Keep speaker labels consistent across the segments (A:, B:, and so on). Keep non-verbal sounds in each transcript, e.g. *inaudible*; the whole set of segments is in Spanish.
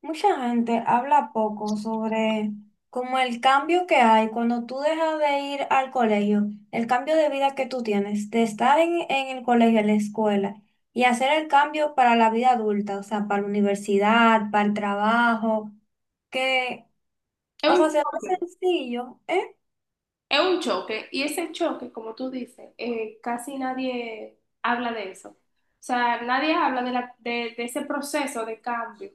A: Mucha gente habla poco sobre como el cambio que hay cuando tú dejas de ir al colegio, el cambio de vida que tú tienes, de estar en el colegio, en la escuela, y hacer el cambio para la vida adulta, o sea, para la universidad, para el trabajo, que,
B: Es
A: o
B: un
A: sea, se ve
B: choque,
A: sencillo, ¿eh?
B: es un choque. Y ese choque, como tú dices, casi nadie habla de eso. O sea, nadie habla de, ese proceso de cambio.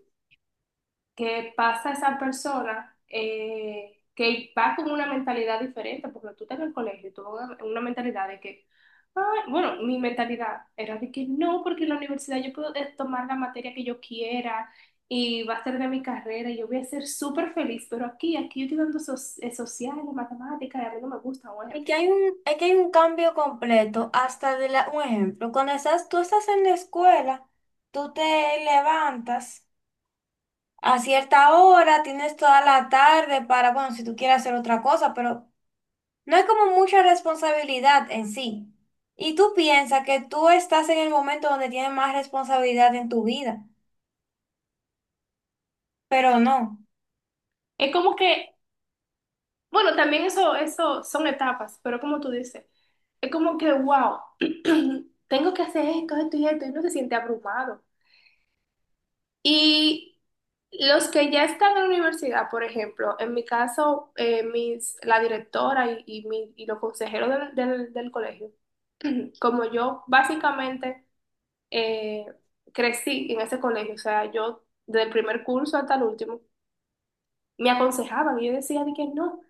B: Que pasa esa persona que va con una mentalidad diferente, porque tú estás en el colegio, y tú vas con una mentalidad de que, "Ay", bueno, mi mentalidad era de que no, porque en la universidad yo puedo tomar la materia que yo quiera y va a ser de mi carrera y yo voy a ser súper feliz, pero aquí yo estoy dando sociales, matemáticas, y a mí no me gusta, por
A: Y
B: ejemplo.
A: que hay un, es que hay un cambio completo, hasta de la, un ejemplo, cuando estás, tú estás en la escuela, tú te levantas a cierta hora, tienes toda la tarde para, bueno, si tú quieres hacer otra cosa, pero no hay como mucha responsabilidad en sí. Y tú piensas que tú estás en el momento donde tienes más responsabilidad en tu vida, pero no.
B: Es como que bueno, también eso son etapas, pero como tú dices, es como que, wow, *clears throat* tengo que hacer esto, esto y esto, y uno se siente abrumado. Y los que ya están en la universidad, por ejemplo, en mi caso, la directora y y los consejeros del del colegio, como yo básicamente eh, crecí en ese colegio, o sea, yo del primer curso hasta el último, me aconsejaban y yo decía de que no,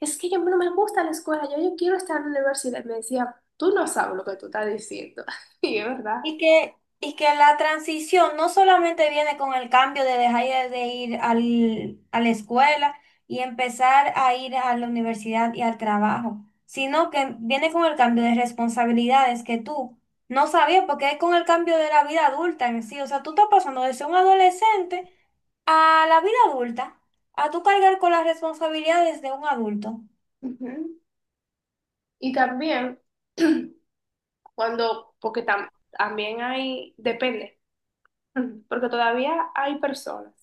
B: es que yo no me gusta la escuela, yo quiero estar en la universidad. Y me decía, tú no sabes lo que tú estás diciendo. *laughs* Y es verdad.
A: Y que la transición no solamente viene con el cambio de dejar de ir al, a la escuela y empezar a ir a la universidad y al trabajo, sino que viene con el cambio de responsabilidades que tú no sabías, porque es con el cambio de la vida adulta en sí. O sea, tú estás pasando de ser un adolescente a la vida adulta, a tú cargar con las responsabilidades de un adulto.
B: Ujú. Y también, *clears throat* también hay, depende, *clears throat* porque todavía hay personas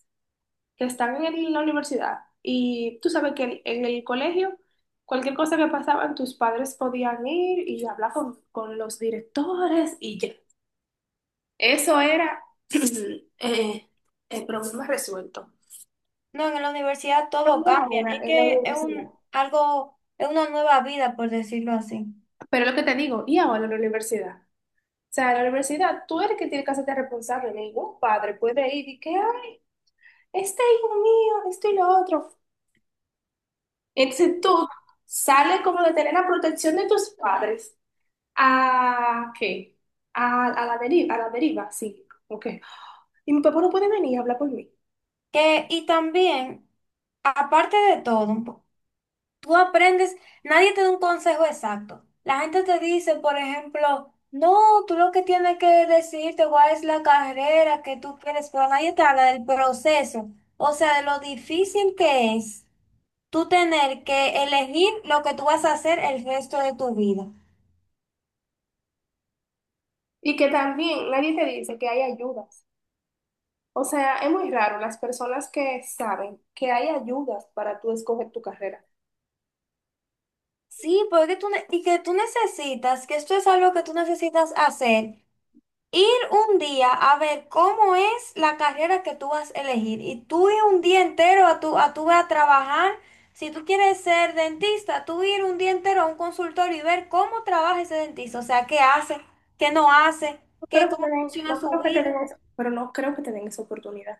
B: que están en la universidad y tú sabes que en el colegio, cualquier cosa que pasaban, tus padres podían ir y hablar con los directores y ya. Eso era *clears throat* eh, el problema resuelto.
A: No, en la universidad todo
B: ¿Dónde
A: cambia.
B: ahora?
A: Es
B: En la
A: que es
B: universidad.
A: un, algo, es una nueva vida, por decirlo así.
B: Pero lo que te digo, y ahora en la universidad. O sea, en la universidad, tú eres el que tiene que hacerte responsable. Ningún padre puede ir y que, ay, este hijo mío, esto y lo otro. Entonces tú sales como de tener la protección de tus padres a, ¿qué? A la deriva, sí. Ok. Y mi papá no puede venir a hablar por mí.
A: Que, y también, aparte de todo, un po- tú aprendes, nadie te da un consejo exacto. La gente te dice, por ejemplo, no, tú lo que tienes que decirte cuál es la carrera que tú quieres, pero nadie te habla del proceso, o sea, de lo difícil que es tú tener que elegir lo que tú vas a hacer el resto de tu vida.
B: Y que también nadie te dice que hay ayudas. O sea, es muy raro las personas que saben que hay ayudas para tú escoger tu carrera.
A: Sí, porque tú ne- y que tú necesitas, que esto es algo que tú necesitas hacer. Ir un día a ver cómo es la carrera que tú vas a elegir y tú ir un día entero a tu, a trabajar. Si tú quieres ser dentista, tú ir un día entero a un consultorio y ver cómo trabaja ese dentista, o sea, qué hace, qué no hace,
B: No creo
A: qué,
B: que te
A: cómo
B: den,
A: funciona
B: no
A: su
B: creo que te den
A: vida.
B: eso, pero no creo que te den esa oportunidad.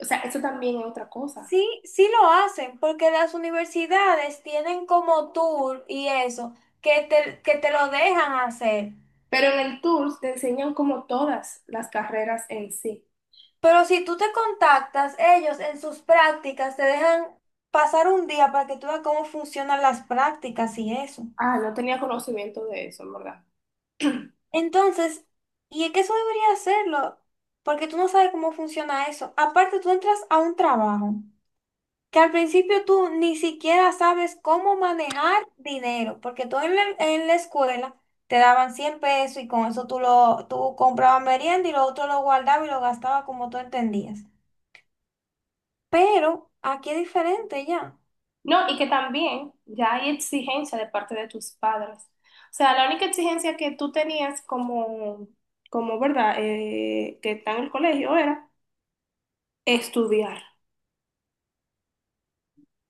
B: O sea, eso también es otra cosa.
A: Sí, sí lo hacen, porque las universidades tienen como tour y eso, que te lo dejan hacer.
B: Pero en el Tours te enseñan como todas las carreras en sí.
A: Pero si tú te contactas, ellos en sus prácticas te dejan pasar un día para que tú veas cómo funcionan las prácticas y eso.
B: Ah, no tenía conocimiento de eso, en verdad. *clears throat*
A: Entonces, y es que eso debería hacerlo, porque tú no sabes cómo funciona eso. Aparte, tú entras a un trabajo que al principio tú ni siquiera sabes cómo manejar dinero, porque tú en la escuela te daban 100 pesos y con eso tú, lo, tú comprabas merienda y lo otro lo guardabas y lo gastabas como tú entendías. Pero aquí es diferente ya.
B: No, y que también ya hay exigencia de parte de tus padres. O sea, la única exigencia que tú tenías como, como verdad, eh, que está en el colegio era estudiar.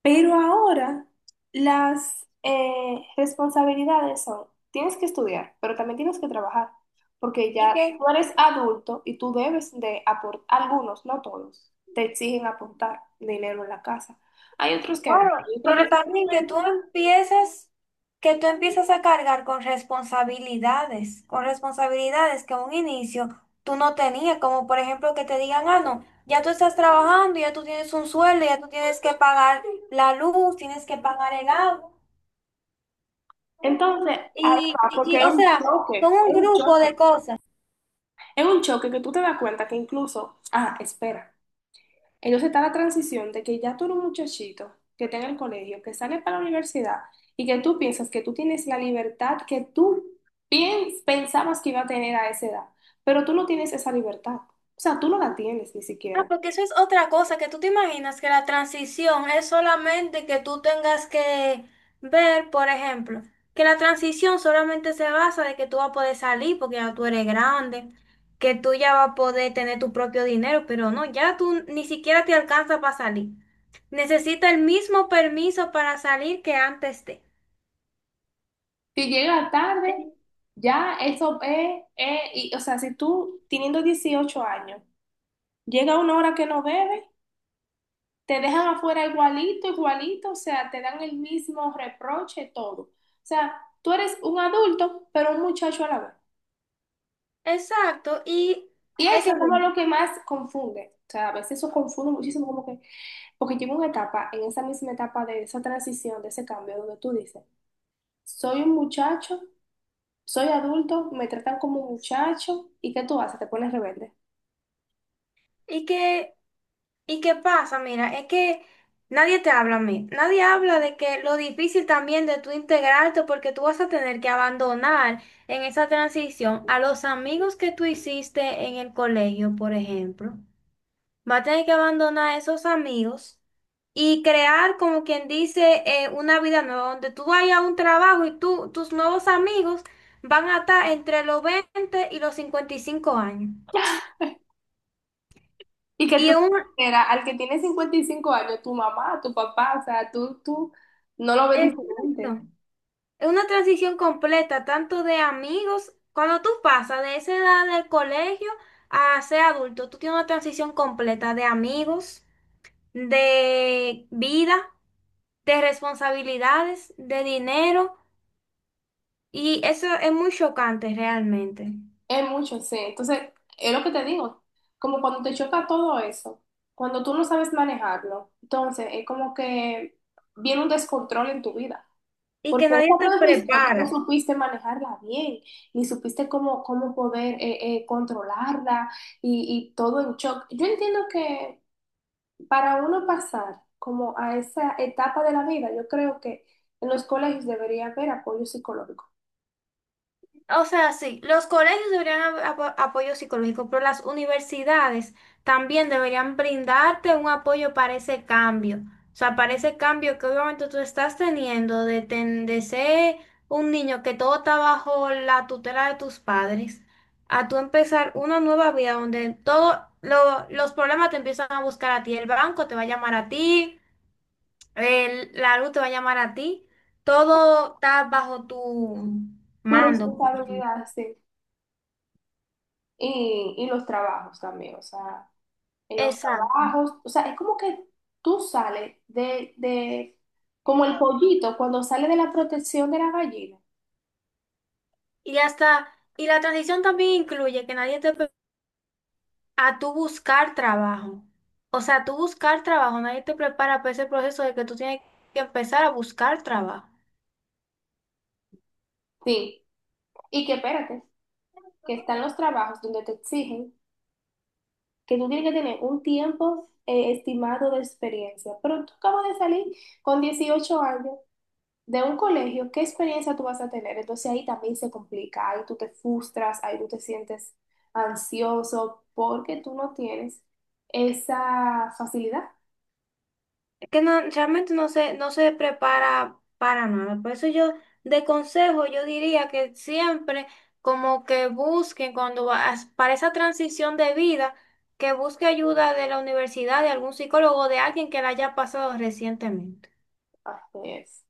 B: Pero ahora las responsabilidades son, tienes que estudiar, pero también tienes que trabajar, porque
A: Y
B: ya
A: que,
B: tú eres adulto y tú debes de aportar, algunos, no todos, te exigen aportar dinero en la casa. Hay otros que no.
A: claro,
B: Hay otros que
A: pero
B: se
A: también que tú empiezas a cargar con responsabilidades que a un inicio tú no tenías, como por ejemplo que te digan, ah, no, ya tú estás trabajando, ya tú tienes un sueldo, ya tú tienes que pagar la luz, tienes que pagar el agua.
B: entonces, ahí
A: Y,
B: va,
A: y,
B: porque
A: y,
B: es
A: o
B: un
A: sea, son
B: choque,
A: un
B: es un
A: grupo
B: choque,
A: de cosas.
B: es un choque que tú te das cuenta que incluso, ah, espera, entonces está la transición de que ya tú eres un muchachito que está en el colegio, que sale para la universidad y que tú piensas que tú tienes la libertad que tú pensabas que iba a tener a esa edad, pero tú no tienes esa libertad, o sea, tú no la tienes ni
A: Ah,
B: siquiera.
A: porque eso es otra cosa, que tú te imaginas que la transición es solamente que tú tengas que ver, por ejemplo, que la transición solamente se basa de que tú vas a poder salir porque ya tú eres grande, que tú ya vas a poder tener tu propio dinero, pero no, ya tú ni siquiera te alcanza para salir. Necesita el mismo permiso para salir que antes de.
B: Si llega tarde, ya eso es- y, o sea, si tú teniendo 18 años, llega una hora que no bebe, te dejan afuera igualito, igualito, o sea, te dan el mismo reproche, todo. O sea, tú eres un adulto, pero un muchacho a la vez.
A: Exacto, y
B: Y
A: es
B: eso
A: que
B: es como
A: mira,
B: lo que más confunde. O sea, a veces eso confunde muchísimo, como que, porque llega una etapa, en esa misma etapa de esa transición, de ese cambio, donde tú dices, soy un muchacho, soy adulto, me tratan como muchacho, ¿y qué tú haces? Te pones rebelde.
A: y que ¿y qué pasa? Mira, es que nadie te habla a mí. Nadie habla de que lo difícil también de tú integrarte porque tú vas a tener que abandonar en esa transición a los amigos que tú hiciste en el colegio, por ejemplo. Vas a tener que abandonar a esos amigos y crear, como quien dice, una vida nueva donde tú vayas a un trabajo y tú, tus nuevos amigos van a estar entre los 20 y los 55 años.
B: Y que
A: Y
B: tú
A: un...
B: consideras al que tiene 55 años, tu mamá, tu papá, o sea, tú no lo ves diferente.
A: Exacto. Es una transición completa, tanto de amigos, cuando tú pasas de esa edad del colegio a ser adulto, tú tienes una transición completa de amigos, de vida, de responsabilidades, de dinero, y eso es muy chocante realmente.
B: Es mucho, sí. Entonces, es lo que te digo, como cuando te choca todo eso, cuando tú no sabes manejarlo, entonces es como que viene un descontrol en tu vida,
A: Y
B: porque
A: que
B: esa
A: nadie te
B: transmisión tú no
A: prepara.
B: supiste manejarla bien, ni supiste cómo poder controlarla y todo en shock. Yo entiendo que para uno pasar como a esa etapa de la vida, yo creo que en los colegios debería haber apoyo psicológico.
A: O sea, sí, los colegios deberían ab- apo- apoyo psicológico, pero las universidades también deberían brindarte un apoyo para ese cambio. O sea, para ese cambio que obviamente tú estás teniendo de, ten- de ser un niño que todo está bajo la tutela de tus padres, a tú empezar una nueva vida donde todos los problemas te empiezan a buscar a ti. El banco te va a llamar a ti, el- la luz te va a llamar a ti. Todo está bajo tu
B: Tu
A: mando.
B: responsabilidad, sí. Y los trabajos también, o sea, en los
A: Exacto.
B: trabajos, o sea, es como que tú sales de, como el pollito cuando sale de la protección de la gallina.
A: Y hasta, y la transición también incluye que nadie te pre- a tú buscar trabajo. O sea, tú buscar trabajo, nadie te prepara para ese proceso de que tú tienes que empezar a buscar trabajo.
B: Sí, y que espérate, que están los trabajos donde te exigen que tú tienes que tener un tiempo estimado de experiencia, pero tú acabas de salir con 18 años de un colegio, ¿qué experiencia tú vas a tener? Entonces ahí también se complica, ahí tú te frustras, ahí tú te sientes ansioso porque tú no tienes esa facilidad.
A: Es que no, realmente no se, no se prepara para nada. Por eso yo, de consejo, yo diría que siempre como que busquen cuando vas para esa transición de vida, que busque ayuda de la universidad, de algún psicólogo, de alguien que la haya pasado recientemente.
B: Así es.